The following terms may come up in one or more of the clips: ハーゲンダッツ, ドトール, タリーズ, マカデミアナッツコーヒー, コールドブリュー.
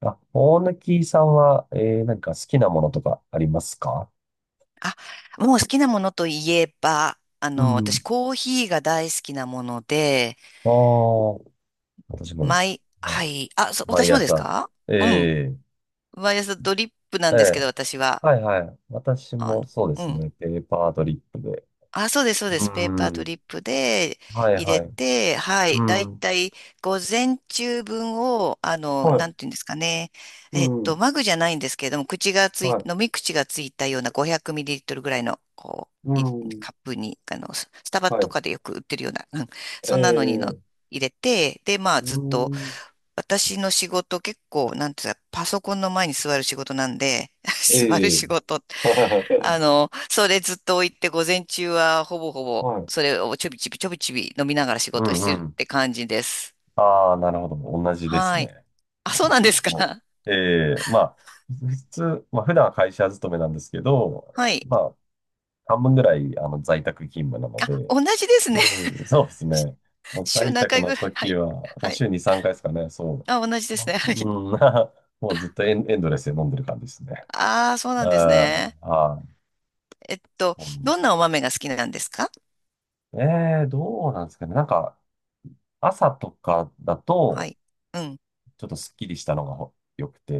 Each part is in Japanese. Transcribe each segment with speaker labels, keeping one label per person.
Speaker 1: あ、大貫さんは、何か好きなものとかありますか？
Speaker 2: あ、もう好きなものといえば、
Speaker 1: う
Speaker 2: 私
Speaker 1: ん。
Speaker 2: コーヒーが大好きなもので、
Speaker 1: ああ、私もです。はい、
Speaker 2: はい、
Speaker 1: 毎
Speaker 2: 私もです
Speaker 1: 朝。
Speaker 2: か？うん。
Speaker 1: ええ、
Speaker 2: 毎朝ドリップな
Speaker 1: え
Speaker 2: んですけ
Speaker 1: え、
Speaker 2: ど、私は。
Speaker 1: はいはい。私
Speaker 2: あ
Speaker 1: も
Speaker 2: の、
Speaker 1: そうで
Speaker 2: う
Speaker 1: す
Speaker 2: ん。
Speaker 1: ね。ペーパードリップで。
Speaker 2: あ、そうです、そうで
Speaker 1: う
Speaker 2: す。ペーパード
Speaker 1: ん。
Speaker 2: リップで
Speaker 1: はい
Speaker 2: 入れ
Speaker 1: はい。
Speaker 2: て、は
Speaker 1: う
Speaker 2: い。だい
Speaker 1: ん。
Speaker 2: たい午前中分を、
Speaker 1: は
Speaker 2: な
Speaker 1: い。
Speaker 2: んていうんですかね。
Speaker 1: うん。
Speaker 2: マグじゃないんですけれども、口がつ
Speaker 1: は
Speaker 2: い、
Speaker 1: い。
Speaker 2: 飲み口がついたような500ミリリットルぐらいの、
Speaker 1: う
Speaker 2: う、い
Speaker 1: ん。
Speaker 2: カップに、スタバ
Speaker 1: は
Speaker 2: と
Speaker 1: い。
Speaker 2: かでよく売ってるような、うん、そんなのに
Speaker 1: ええ、
Speaker 2: 入れて、で、まあ、
Speaker 1: う
Speaker 2: ずっと、
Speaker 1: ん。
Speaker 2: 私の仕事結構、なんていうんですか、パソコンの前に座る仕事なんで、座る
Speaker 1: ええ。
Speaker 2: 仕事って
Speaker 1: は
Speaker 2: それずっと置いて、午前中はほぼほぼ、
Speaker 1: い。
Speaker 2: それをちょびちびちょびちび飲みながら仕
Speaker 1: う
Speaker 2: 事
Speaker 1: ん
Speaker 2: し
Speaker 1: う
Speaker 2: てるっ
Speaker 1: ん。
Speaker 2: て感じです。
Speaker 1: ああ、なるほど。同じです
Speaker 2: はい。
Speaker 1: ね。
Speaker 2: あ、そうなん
Speaker 1: 私
Speaker 2: ですか。
Speaker 1: も。ええ、まあ、普通、まあ、普段は会社勤めなんですけ
Speaker 2: は
Speaker 1: ど、
Speaker 2: い。
Speaker 1: まあ、半分ぐらい、あの、在宅勤務なの
Speaker 2: あ、
Speaker 1: で、
Speaker 2: 同じですね。
Speaker 1: うん、そうですね。も う
Speaker 2: 週
Speaker 1: 在
Speaker 2: 何
Speaker 1: 宅
Speaker 2: 回
Speaker 1: の
Speaker 2: ぐらい？は
Speaker 1: 時
Speaker 2: い。
Speaker 1: は、も
Speaker 2: は
Speaker 1: う
Speaker 2: い。
Speaker 1: 週に3回ですかね、そ
Speaker 2: あ、同じで
Speaker 1: う。ま
Speaker 2: す
Speaker 1: あ、
Speaker 2: ね。
Speaker 1: う
Speaker 2: はい。
Speaker 1: ん、もうずっとエンドレスで飲んでる感じですね。
Speaker 2: ああ、そう
Speaker 1: う
Speaker 2: な
Speaker 1: ん、
Speaker 2: んですね。
Speaker 1: はい。
Speaker 2: えっと、
Speaker 1: そうなん
Speaker 2: どん
Speaker 1: で
Speaker 2: なお豆が好きなんですか？
Speaker 1: すね。ええ、どうなんですかね。なんか、朝とかだ
Speaker 2: は
Speaker 1: と、
Speaker 2: い。うん。
Speaker 1: ちょっとスッキリしたのがほ良くて、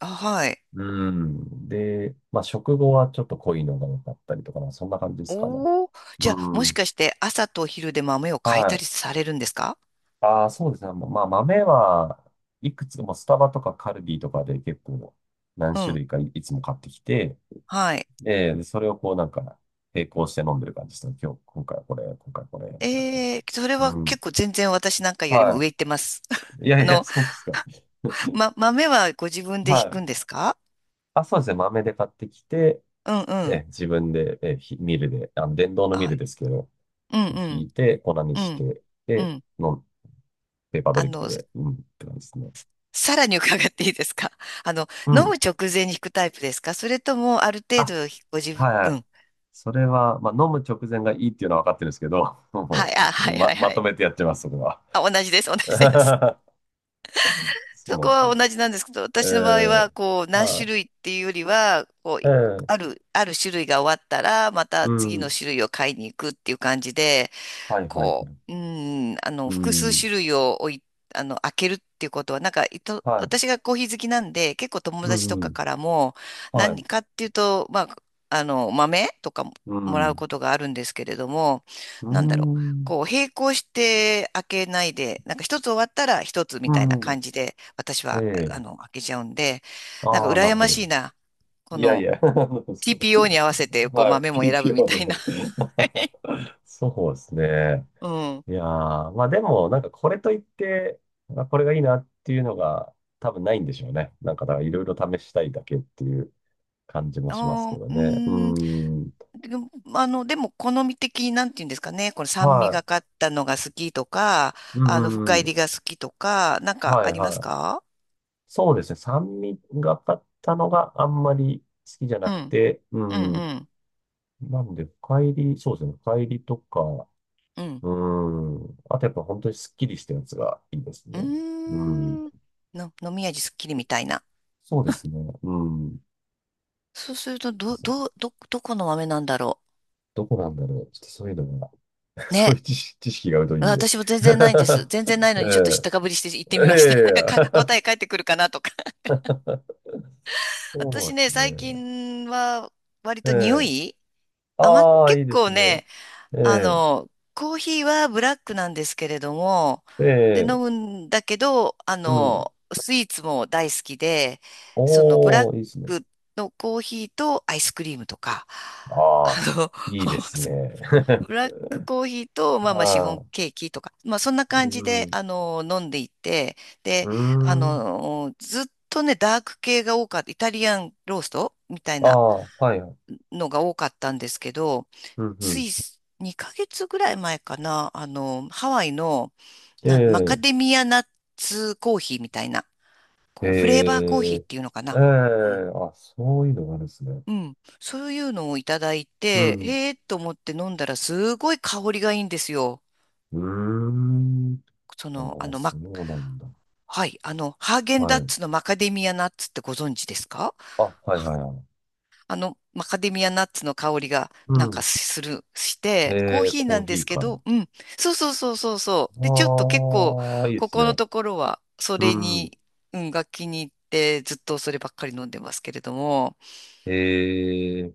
Speaker 2: あ、はい。
Speaker 1: うん。で、まあ、食後はちょっと濃いのが多かったりとかな、そんな感じですかね。
Speaker 2: おー。
Speaker 1: う
Speaker 2: じゃあ、もし
Speaker 1: ん。
Speaker 2: かして朝と昼で豆を変え
Speaker 1: は
Speaker 2: たり
Speaker 1: い。
Speaker 2: されるんですか？
Speaker 1: ああ、そうですね。まあ、豆はいくつもスタバとかカルビーとかで結構何
Speaker 2: う
Speaker 1: 種
Speaker 2: ん。
Speaker 1: 類かい、いつも買ってきて、
Speaker 2: はい。
Speaker 1: でそれをこうなんか並行して飲んでる感じですね。今日、今回はこれ、今回はこれ、みたいな感
Speaker 2: え
Speaker 1: じで。
Speaker 2: え、それは
Speaker 1: うん。
Speaker 2: 結構全然私なんかよりも
Speaker 1: は
Speaker 2: 上行ってます。
Speaker 1: い。いや
Speaker 2: あ
Speaker 1: いや、
Speaker 2: の、
Speaker 1: そうですか。
Speaker 2: 豆はご自分で引
Speaker 1: はい。
Speaker 2: くんですか？
Speaker 1: あ、そうですね。豆で買ってきて、
Speaker 2: うんう
Speaker 1: え、
Speaker 2: ん。
Speaker 1: 自分で、え、ミルで、あの、電動のミ
Speaker 2: は
Speaker 1: ル
Speaker 2: い。
Speaker 1: ですけど、
Speaker 2: うんう
Speaker 1: 引
Speaker 2: ん。
Speaker 1: いて、粉に
Speaker 2: う
Speaker 1: し
Speaker 2: ん
Speaker 1: て、
Speaker 2: う
Speaker 1: で、
Speaker 2: ん。
Speaker 1: 飲ペーパード
Speaker 2: あ
Speaker 1: リップ
Speaker 2: の、
Speaker 1: で、うん、って感じですね。
Speaker 2: さらに伺っていいですか？ あの、
Speaker 1: う
Speaker 2: 飲む
Speaker 1: ん。
Speaker 2: 直前に引くタイプですか？それともある程度
Speaker 1: あ、
Speaker 2: ご自
Speaker 1: はいは
Speaker 2: 分、う
Speaker 1: い。
Speaker 2: ん。
Speaker 1: それは、まあ、飲む直前がいいっていうのは分かってるんですけど、
Speaker 2: は
Speaker 1: も
Speaker 2: い、あ、
Speaker 1: う、
Speaker 2: はい
Speaker 1: ま、
Speaker 2: はいは
Speaker 1: まと
Speaker 2: い。
Speaker 1: めてやってます、そこは。
Speaker 2: あ、同じです、同じです。
Speaker 1: そう
Speaker 2: そ
Speaker 1: なん
Speaker 2: こ
Speaker 1: です
Speaker 2: は
Speaker 1: よ。
Speaker 2: 同じなんですけど、私の場合
Speaker 1: え
Speaker 2: は、
Speaker 1: え、
Speaker 2: こう、何種
Speaker 1: は
Speaker 2: 類っていうよりは、こ
Speaker 1: い。
Speaker 2: う、ある種類が終わったら、ま
Speaker 1: う
Speaker 2: た次の
Speaker 1: ん。
Speaker 2: 種類を買いに行くっていう感じで、
Speaker 1: はいはい
Speaker 2: こ
Speaker 1: はい。
Speaker 2: う、うん、
Speaker 1: う
Speaker 2: 複数
Speaker 1: ん。
Speaker 2: 種類を置い、あの、開けるっていうことは、なんか、
Speaker 1: はい。
Speaker 2: 私がコーヒー好きなんで、結構友
Speaker 1: う
Speaker 2: 達と
Speaker 1: ん、
Speaker 2: か
Speaker 1: うん。
Speaker 2: からも、
Speaker 1: はい。
Speaker 2: 何かっていうと、まあ、豆とかも、
Speaker 1: う
Speaker 2: も
Speaker 1: ん。
Speaker 2: らう
Speaker 1: う
Speaker 2: ことがあるんですけれども、
Speaker 1: ー
Speaker 2: なんだろう、
Speaker 1: ん。
Speaker 2: こう、並行して開けないで、なんか一つ終わったら一つみたいな
Speaker 1: う
Speaker 2: 感じで、私は、
Speaker 1: ん。ええ、
Speaker 2: 開けちゃうんで、なんか
Speaker 1: ああー、な
Speaker 2: 羨
Speaker 1: るほ
Speaker 2: ま
Speaker 1: ど。
Speaker 2: しいな。こ
Speaker 1: いやい
Speaker 2: の
Speaker 1: や、そうですけど
Speaker 2: TPO に合わせて、こう、
Speaker 1: はい、
Speaker 2: 豆も選ぶみたいな。
Speaker 1: PPR。そうですね。
Speaker 2: うん。
Speaker 1: いやー、まあでも、なんかこれといって、まあ、これがいいなっていうのが多分ないんでしょうね。なんかだからいろいろ試したいだけっていう感じもしますけ
Speaker 2: あ
Speaker 1: ど
Speaker 2: ー、うー
Speaker 1: ね。う
Speaker 2: ん、
Speaker 1: ーん。
Speaker 2: でも、でも、好み的に、なんて言うんですかね、この酸味
Speaker 1: は
Speaker 2: がかったのが好きとか、
Speaker 1: い。うんう
Speaker 2: 深
Speaker 1: ん、
Speaker 2: 入
Speaker 1: うん。
Speaker 2: りが好きとか、なんか
Speaker 1: は
Speaker 2: あ
Speaker 1: い
Speaker 2: ります
Speaker 1: はい。
Speaker 2: か？
Speaker 1: そうですね。酸味がかったのがあんまり好きじゃな
Speaker 2: う
Speaker 1: く
Speaker 2: ん、
Speaker 1: て、う
Speaker 2: うん、
Speaker 1: ん。
Speaker 2: うん、
Speaker 1: なんで、深入り、そうですね。深入りとか、
Speaker 2: うん。
Speaker 1: うん。あとやっぱ本当にスッキリしたやつがいいです
Speaker 2: うー
Speaker 1: ね。うん。
Speaker 2: ん。飲み味すっきりみたいな。
Speaker 1: そうですね。うん。
Speaker 2: そうすると、
Speaker 1: あ、そう。
Speaker 2: どこの豆なんだろ
Speaker 1: どこなんだろう。ちょっとそういうのが、
Speaker 2: う。
Speaker 1: そう
Speaker 2: ね。
Speaker 1: いう知識が疎いんで。
Speaker 2: 私も全然ないんです。全然ない
Speaker 1: え
Speaker 2: のに、ちょっと知っ
Speaker 1: え。
Speaker 2: たかぶりして行ってみ
Speaker 1: え
Speaker 2: ました。なんか、答え
Speaker 1: え。
Speaker 2: 返ってくるかなとか。
Speaker 1: そう
Speaker 2: 私
Speaker 1: です
Speaker 2: ね、最
Speaker 1: ね。
Speaker 2: 近は、割
Speaker 1: え
Speaker 2: と匂
Speaker 1: え。
Speaker 2: い
Speaker 1: ああ、
Speaker 2: 結
Speaker 1: いいで
Speaker 2: 構
Speaker 1: すね。
Speaker 2: ね、
Speaker 1: ええ。
Speaker 2: コーヒーはブラックなんですけれども、
Speaker 1: え
Speaker 2: で、飲
Speaker 1: え。
Speaker 2: むんだけど、
Speaker 1: うん。
Speaker 2: スイーツも大好きで、そのブ
Speaker 1: お
Speaker 2: ラッ
Speaker 1: お、いいですね。
Speaker 2: クのコーヒーとアイスクリームとか、あ
Speaker 1: ああ、
Speaker 2: の、
Speaker 1: いいですね。
Speaker 2: ブラックコーヒーと、まあまあシフォ
Speaker 1: あ
Speaker 2: ン
Speaker 1: あ、
Speaker 2: ケーキとか、まあそんな
Speaker 1: う
Speaker 2: 感じで、
Speaker 1: ん。
Speaker 2: 飲んでいて、
Speaker 1: う
Speaker 2: で、
Speaker 1: ーん。
Speaker 2: ずっとね、ダーク系が多かった、イタリアンローストみたい
Speaker 1: あ
Speaker 2: な、
Speaker 1: あ、はいはい。
Speaker 2: のが多かったんですけど、
Speaker 1: うんう
Speaker 2: つ
Speaker 1: ん。
Speaker 2: い2ヶ月ぐらい前かな、ハワイの、マカ
Speaker 1: え
Speaker 2: デ
Speaker 1: え、
Speaker 2: ミアナッツコーヒーみたいな、
Speaker 1: え
Speaker 2: こう、フレーバーコーヒーっ
Speaker 1: え、
Speaker 2: ていうのか
Speaker 1: ええ、
Speaker 2: な。うん。
Speaker 1: あ、そういうのがあるんですね。
Speaker 2: うん。そういうのをいただい
Speaker 1: う
Speaker 2: て、
Speaker 1: ん。
Speaker 2: へえと思って飲んだらすごい香りがいいんですよ。
Speaker 1: うーん。
Speaker 2: その、あ
Speaker 1: あ、
Speaker 2: の、
Speaker 1: そ
Speaker 2: ま、
Speaker 1: うなんだ。
Speaker 2: はい、ハーゲン
Speaker 1: は
Speaker 2: ダッ
Speaker 1: い。
Speaker 2: ツのマカデミアナッツってご存知ですか？
Speaker 1: あ、はいはいはい。
Speaker 2: マカデミアナッツの香りが
Speaker 1: う
Speaker 2: なんか
Speaker 1: ん。
Speaker 2: する、して、コー
Speaker 1: ええ、
Speaker 2: ヒー
Speaker 1: コ
Speaker 2: な
Speaker 1: ー
Speaker 2: ん
Speaker 1: ヒ
Speaker 2: です
Speaker 1: ー
Speaker 2: け
Speaker 1: から。
Speaker 2: ど、うん。そうそうそうそうそう。で、ちょっと結構、
Speaker 1: ああ、いいで
Speaker 2: こ
Speaker 1: す
Speaker 2: この
Speaker 1: ね。
Speaker 2: ところは、そ
Speaker 1: う
Speaker 2: れ
Speaker 1: ん。
Speaker 2: に、うん、が気に入って、ずっとそればっかり飲んでますけれども、
Speaker 1: ええ、こ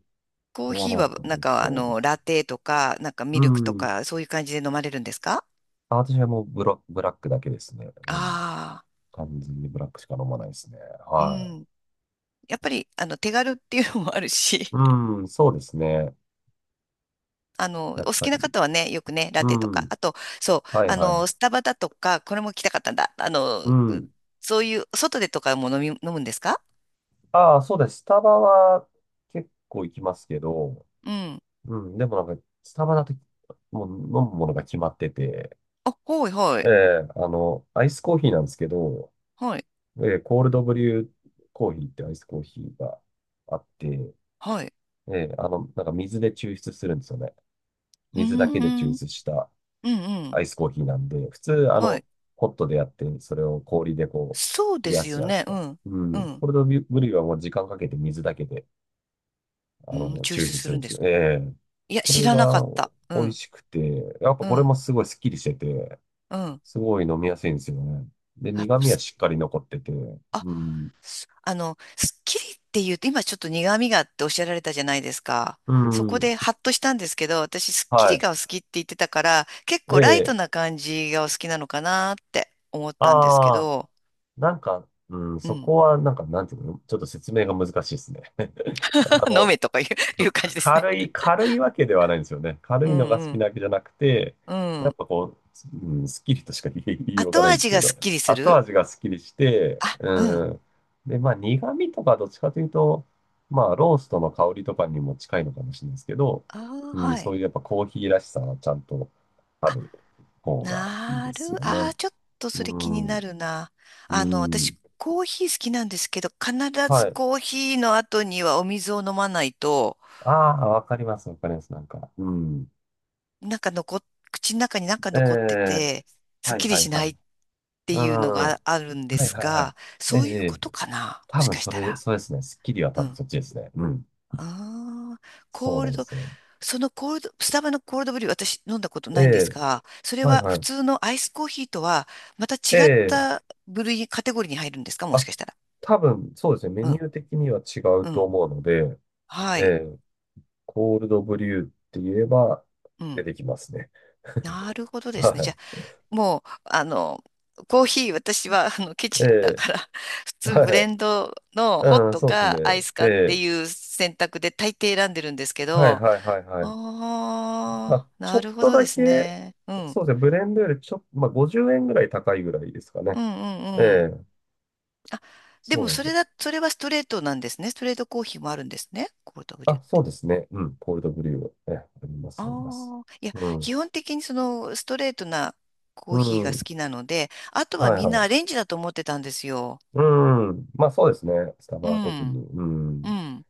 Speaker 2: コー
Speaker 1: れは
Speaker 2: ヒー
Speaker 1: なん
Speaker 2: は、
Speaker 1: か
Speaker 2: な
Speaker 1: 美
Speaker 2: ん
Speaker 1: 味し
Speaker 2: か、
Speaker 1: そうですね。
Speaker 2: ラテとか、なんか
Speaker 1: う
Speaker 2: ミルクと
Speaker 1: ん。
Speaker 2: か、そういう感じで飲まれるんですか？
Speaker 1: あ、私はもうブラックだけですね。うん。
Speaker 2: あ
Speaker 1: 完全にブラックしか飲まないですね。
Speaker 2: あー、う
Speaker 1: はい。
Speaker 2: ん。やっぱり、手軽っていうのもあるし、
Speaker 1: うん、そうですね。
Speaker 2: お
Speaker 1: やっ
Speaker 2: 好
Speaker 1: ぱ
Speaker 2: き
Speaker 1: り。
Speaker 2: な方はね、よくね、ラ
Speaker 1: う
Speaker 2: テとか、
Speaker 1: ん。
Speaker 2: あと、そう、
Speaker 1: はいはい。
Speaker 2: スタバだとか、これも来たかったんだ。あ
Speaker 1: う
Speaker 2: の、
Speaker 1: ん。
Speaker 2: そういう、外でとかも飲み、飲むんですか？
Speaker 1: ああ、そうです。スタバは結構行きますけど、
Speaker 2: うん。
Speaker 1: うん、でもなんか、スタバだと、もう飲むものが決まってて、
Speaker 2: あ、はいは
Speaker 1: え
Speaker 2: い。
Speaker 1: え、あの、アイスコーヒーなんですけど、
Speaker 2: はい、
Speaker 1: ええ、コールドブリューコーヒーってアイスコーヒーがあって、
Speaker 2: はい。
Speaker 1: ええ、あの、なんか水で抽出するんですよね。
Speaker 2: うー
Speaker 1: 水だけで抽
Speaker 2: ん、うん、
Speaker 1: 出した
Speaker 2: う
Speaker 1: ア
Speaker 2: ん。
Speaker 1: イスコーヒーなんで、普通、あ
Speaker 2: は
Speaker 1: の、
Speaker 2: い。
Speaker 1: ホットでやって、それを氷でこ
Speaker 2: そう
Speaker 1: う、
Speaker 2: で
Speaker 1: 冷や
Speaker 2: す
Speaker 1: すじ
Speaker 2: よ
Speaker 1: ゃないで
Speaker 2: ね。
Speaker 1: す
Speaker 2: う
Speaker 1: か。
Speaker 2: ん、
Speaker 1: う
Speaker 2: う
Speaker 1: ん、コ
Speaker 2: ん。
Speaker 1: ールドブリューはもう時間かけて水だけで、
Speaker 2: う
Speaker 1: あ
Speaker 2: ん、
Speaker 1: の、
Speaker 2: 抽
Speaker 1: 抽
Speaker 2: 出
Speaker 1: 出
Speaker 2: す
Speaker 1: する
Speaker 2: る
Speaker 1: ん
Speaker 2: ん
Speaker 1: です
Speaker 2: で
Speaker 1: け
Speaker 2: すか？
Speaker 1: ど、ええ、
Speaker 2: いや、
Speaker 1: こ
Speaker 2: 知
Speaker 1: れ
Speaker 2: らなか
Speaker 1: が
Speaker 2: った。う
Speaker 1: 美味
Speaker 2: ん、
Speaker 1: しくて、やっぱ
Speaker 2: う
Speaker 1: これ
Speaker 2: ん、
Speaker 1: もすごいスッキリしてて、
Speaker 2: うん。
Speaker 1: すごい飲みやすいんですよね。で、
Speaker 2: あ、
Speaker 1: 苦味は
Speaker 2: す
Speaker 1: しっかり残ってて、うん、
Speaker 2: あの、すっきりっていうと、今ちょっと苦味があっておっしゃられたじゃないですか。
Speaker 1: う
Speaker 2: そこ
Speaker 1: ん、
Speaker 2: でハッとしたんですけど、私すっき
Speaker 1: は
Speaker 2: り
Speaker 1: い。
Speaker 2: がお好きって言ってたから、結構ライ
Speaker 1: え
Speaker 2: ト
Speaker 1: え、
Speaker 2: な感じがお好きなのかなって思ったんですけ
Speaker 1: ああ、
Speaker 2: ど、
Speaker 1: なんか、うん、
Speaker 2: う
Speaker 1: そ
Speaker 2: ん。
Speaker 1: こはなんか、なんていうの、ちょっと説明が難しいですね。あ
Speaker 2: 飲
Speaker 1: の、
Speaker 2: めとかいう、
Speaker 1: そ
Speaker 2: い
Speaker 1: う
Speaker 2: う感
Speaker 1: か
Speaker 2: じですね。
Speaker 1: 軽いわけではないんですよね。軽
Speaker 2: う
Speaker 1: いのが
Speaker 2: ん
Speaker 1: 好
Speaker 2: う
Speaker 1: き
Speaker 2: ん。
Speaker 1: なわけじゃなくて、
Speaker 2: う
Speaker 1: やっ
Speaker 2: ん。
Speaker 1: ぱこう、うん、スッキリとしか言いようが
Speaker 2: 後
Speaker 1: ないんです
Speaker 2: 味
Speaker 1: け
Speaker 2: がす
Speaker 1: ど、
Speaker 2: っきりす
Speaker 1: 後
Speaker 2: る。
Speaker 1: 味がスッキリして、
Speaker 2: あ、う
Speaker 1: う
Speaker 2: ん。
Speaker 1: ん。で、まあ苦味とかどっちかというと、まあローストの香りとかにも近いのかもしれないですけど、
Speaker 2: あー
Speaker 1: うん、
Speaker 2: は
Speaker 1: そう
Speaker 2: い。
Speaker 1: いうやっぱコーヒーらしさはちゃんとある方がいいですよ
Speaker 2: あ
Speaker 1: ね。
Speaker 2: あ、ちょっと
Speaker 1: う
Speaker 2: それ気にな
Speaker 1: ん、
Speaker 2: るな。
Speaker 1: う
Speaker 2: 私、
Speaker 1: ん。
Speaker 2: コーヒー好きなんですけど、必
Speaker 1: は
Speaker 2: ず
Speaker 1: い。
Speaker 2: コーヒーの後にはお水を飲まないと、
Speaker 1: ああ、わかります、わかります、なんか。うん。
Speaker 2: なんか残っ、口の中になんか
Speaker 1: え
Speaker 2: 残って
Speaker 1: え、
Speaker 2: て、す
Speaker 1: は
Speaker 2: っ
Speaker 1: い
Speaker 2: きり
Speaker 1: はい
Speaker 2: し
Speaker 1: は
Speaker 2: ない
Speaker 1: い。
Speaker 2: って
Speaker 1: うん。
Speaker 2: いうのが
Speaker 1: は
Speaker 2: あるんで
Speaker 1: い
Speaker 2: す
Speaker 1: はいは
Speaker 2: が、
Speaker 1: い。ええ、
Speaker 2: そういうこ
Speaker 1: え
Speaker 2: と
Speaker 1: え、
Speaker 2: かな、も
Speaker 1: 多
Speaker 2: し
Speaker 1: 分
Speaker 2: かし
Speaker 1: そ
Speaker 2: た
Speaker 1: れ、
Speaker 2: ら。
Speaker 1: そうですね。スッキリは
Speaker 2: う
Speaker 1: 多分
Speaker 2: ん。
Speaker 1: そっちですね。うん。
Speaker 2: ああ、
Speaker 1: そう
Speaker 2: コー
Speaker 1: な
Speaker 2: ル
Speaker 1: んで
Speaker 2: ド、
Speaker 1: すよ。
Speaker 2: そのコールド、スタバのコールドブリュー、私飲んだこと
Speaker 1: え
Speaker 2: ないんです
Speaker 1: え、
Speaker 2: が、それ
Speaker 1: はい
Speaker 2: は
Speaker 1: は
Speaker 2: 普
Speaker 1: い。
Speaker 2: 通のアイスコーヒーとは、また違
Speaker 1: え
Speaker 2: っ
Speaker 1: え、
Speaker 2: た部類、カテゴリーに入るんですか？もし
Speaker 1: あ、
Speaker 2: かしたら。
Speaker 1: 多分そうですね。メ
Speaker 2: う
Speaker 1: ニ
Speaker 2: ん、
Speaker 1: ュー的には違う
Speaker 2: う
Speaker 1: と
Speaker 2: ん、
Speaker 1: 思うので、
Speaker 2: は
Speaker 1: え
Speaker 2: い、
Speaker 1: え、コールドブリューって言えば
Speaker 2: う
Speaker 1: 出
Speaker 2: ん。
Speaker 1: てきますね。
Speaker 2: なるほど ですね。じ
Speaker 1: は
Speaker 2: ゃあ、もう、あの、コーヒー、私は、ケ
Speaker 1: い。え
Speaker 2: チだから、普
Speaker 1: え、
Speaker 2: 通
Speaker 1: はい
Speaker 2: ブ
Speaker 1: は
Speaker 2: レ
Speaker 1: い。
Speaker 2: ンドのホッ
Speaker 1: うん、
Speaker 2: ト
Speaker 1: そうですね。
Speaker 2: かアイス
Speaker 1: え
Speaker 2: かって
Speaker 1: え、
Speaker 2: いう選択で大抵選んでるんですけ
Speaker 1: はい
Speaker 2: ど、
Speaker 1: はいはいはい。ま
Speaker 2: あ
Speaker 1: あ、
Speaker 2: あ、
Speaker 1: ち
Speaker 2: な
Speaker 1: ょ
Speaker 2: る
Speaker 1: っ
Speaker 2: ほ
Speaker 1: と
Speaker 2: ど
Speaker 1: だ
Speaker 2: です
Speaker 1: け、
Speaker 2: ね。うん、うん、
Speaker 1: そうですね。ブレンドよりちょっと、まあ、50円ぐらい高いぐらいですかね。
Speaker 2: うん、うん。
Speaker 1: ええ、
Speaker 2: あ、で
Speaker 1: そう
Speaker 2: も、
Speaker 1: なんです。
Speaker 2: それはストレートなんですね。ストレートコーヒーもあるんですね。コールドブリュ
Speaker 1: あ、
Speaker 2: ー。
Speaker 1: そうですね。うん。コールドブリュー。え、ありま
Speaker 2: あ
Speaker 1: す、あります。
Speaker 2: あ、いや、
Speaker 1: うん。
Speaker 2: 基本的にそのストレートなコ
Speaker 1: う
Speaker 2: ーヒーが好
Speaker 1: ん。
Speaker 2: きなので、あとは
Speaker 1: はい
Speaker 2: みん
Speaker 1: は
Speaker 2: な
Speaker 1: い。
Speaker 2: アレンジだと思ってたんですよ。
Speaker 1: うん。まあそうですね。スタ
Speaker 2: う
Speaker 1: バは特
Speaker 2: ん、
Speaker 1: に。う
Speaker 2: う
Speaker 1: ん。
Speaker 2: ん、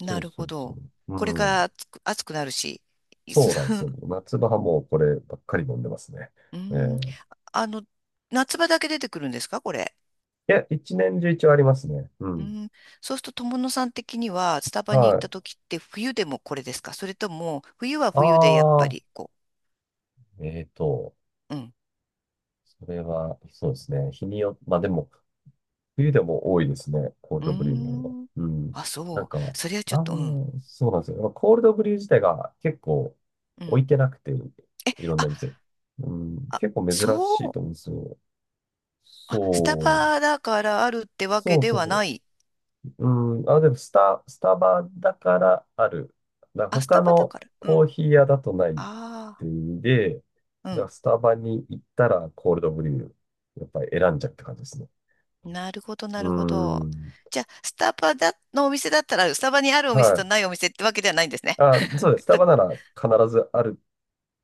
Speaker 1: そう
Speaker 2: る
Speaker 1: そ
Speaker 2: ほ
Speaker 1: うそ
Speaker 2: ど。
Speaker 1: う。
Speaker 2: これ
Speaker 1: う
Speaker 2: から
Speaker 1: ん。
Speaker 2: 暑くなるし。いす
Speaker 1: そうなんです よ。夏場はもうこればっかり飲んでますね。
Speaker 2: うん、
Speaker 1: い
Speaker 2: あの、夏場だけ出てくるんですか、これ？
Speaker 1: や、一年中一応ありますね。う
Speaker 2: う
Speaker 1: ん。
Speaker 2: ん、そうすると友野さん的にはスタバに行
Speaker 1: は
Speaker 2: った
Speaker 1: い。
Speaker 2: 時って冬でもこれですか？それとも冬は
Speaker 1: あ
Speaker 2: 冬でやっぱ
Speaker 1: あ、
Speaker 2: りこ
Speaker 1: えーと、
Speaker 2: う。うん。
Speaker 1: それは、そうですね。日によ、まあでも、冬でも多いですね、コール
Speaker 2: う
Speaker 1: ドブリューの方が。
Speaker 2: ーん。
Speaker 1: うん。
Speaker 2: あ、
Speaker 1: なん
Speaker 2: そう。
Speaker 1: か、
Speaker 2: それはちょっ
Speaker 1: ああ、
Speaker 2: と、うん。
Speaker 1: そうなんですよ。まあコールドブリュー自体が結構
Speaker 2: う
Speaker 1: 置い
Speaker 2: ん。
Speaker 1: てなくて、
Speaker 2: え、
Speaker 1: いろんな店。うん、
Speaker 2: あ、
Speaker 1: 結構珍
Speaker 2: そ
Speaker 1: しい
Speaker 2: う。
Speaker 1: と思うんですよ。
Speaker 2: あ、スタ
Speaker 1: そう。
Speaker 2: バだからあるってわけ
Speaker 1: そう
Speaker 2: で
Speaker 1: そう
Speaker 2: は
Speaker 1: そ
Speaker 2: ない。
Speaker 1: う。うん。あ、でもスタバだからある。だから
Speaker 2: あ、スタ
Speaker 1: 他
Speaker 2: バだ
Speaker 1: の
Speaker 2: から。う
Speaker 1: コー
Speaker 2: ん。
Speaker 1: ヒー屋だとないっ
Speaker 2: あ
Speaker 1: ていう意味で、
Speaker 2: あ、
Speaker 1: だか
Speaker 2: う
Speaker 1: らスタバに行ったらコールドブリュー、やっぱり選んじゃうって感じですね。
Speaker 2: ん。なるほど、な
Speaker 1: う
Speaker 2: るほど。
Speaker 1: ん。
Speaker 2: じゃあ、スタバだ、のお店だったら、スタバにあるお
Speaker 1: は
Speaker 2: 店と
Speaker 1: い。
Speaker 2: ないお店ってわけではないんですね。
Speaker 1: あ、そ うです。スタバなら必ずある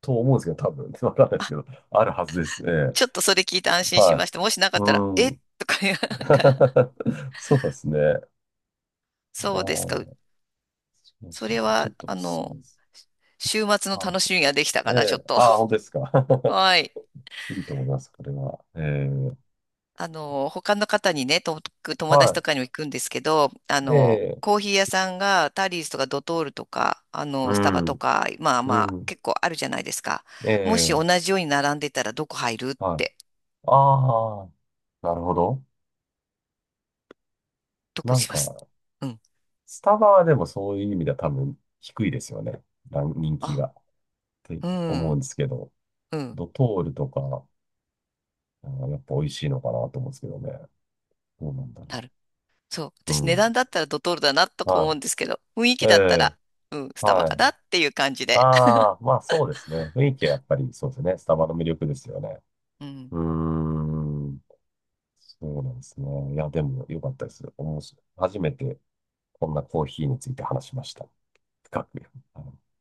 Speaker 1: と思うんですけど、多分。わかんないです
Speaker 2: あ、
Speaker 1: けど、あるはずです。ええ。
Speaker 2: ちょっとそれ聞いて安心し
Speaker 1: は
Speaker 2: ました。もしな
Speaker 1: い。
Speaker 2: かったら、
Speaker 1: う
Speaker 2: え
Speaker 1: ん。
Speaker 2: とかいう、なんか、
Speaker 1: そうですね。あー、
Speaker 2: そうですか。
Speaker 1: そう
Speaker 2: そ
Speaker 1: そう
Speaker 2: れ
Speaker 1: そう。ちょ
Speaker 2: は、
Speaker 1: っとおすすめです。
Speaker 2: 週末の
Speaker 1: はい。
Speaker 2: 楽しみができた
Speaker 1: え
Speaker 2: かな、ちょっ
Speaker 1: え。
Speaker 2: と。
Speaker 1: ああ、本当ですか。
Speaker 2: はい。
Speaker 1: いいと思います、これは。ええ。
Speaker 2: 他の方にね、友達と
Speaker 1: は
Speaker 2: かにも行くんですけど、
Speaker 1: い。ええ。
Speaker 2: コーヒー屋さんがタリーズとかドトールとか、
Speaker 1: う
Speaker 2: スタバと
Speaker 1: ん。
Speaker 2: か、まあ
Speaker 1: う
Speaker 2: まあ、
Speaker 1: ん。
Speaker 2: 結構あるじゃないですか。
Speaker 1: え
Speaker 2: もし
Speaker 1: え。
Speaker 2: 同じように並んでたらどこ入るっ
Speaker 1: はい。
Speaker 2: て、
Speaker 1: ああ、なるほど。
Speaker 2: どこに
Speaker 1: なん
Speaker 2: しま
Speaker 1: か、
Speaker 2: す？うん。
Speaker 1: スタバはでもそういう意味では多分低いですよね。ラン人気
Speaker 2: あ、
Speaker 1: が。って
Speaker 2: う
Speaker 1: 思うん
Speaker 2: ん、
Speaker 1: ですけど、
Speaker 2: うん、
Speaker 1: ドトールとか、あーやっぱ美味しいのかなと思うんですけどね。どうなんだろ
Speaker 2: なる。そう。
Speaker 1: う。う
Speaker 2: 私値
Speaker 1: ん。
Speaker 2: 段だったらドトールだなとか思
Speaker 1: は
Speaker 2: うんですけど、雰囲
Speaker 1: い。
Speaker 2: 気
Speaker 1: え
Speaker 2: だったら、
Speaker 1: え、
Speaker 2: うん、スタバ
Speaker 1: は
Speaker 2: かな
Speaker 1: い。
Speaker 2: っていう感じで。
Speaker 1: ああ、まあそうですね。雰囲気はやっぱりそうですね。スタバの魅力ですよね。
Speaker 2: うん。
Speaker 1: うーん。そうなんですね。いや、でも良かったです。面白い。初めてこんなコーヒーについて話しました。深く。はい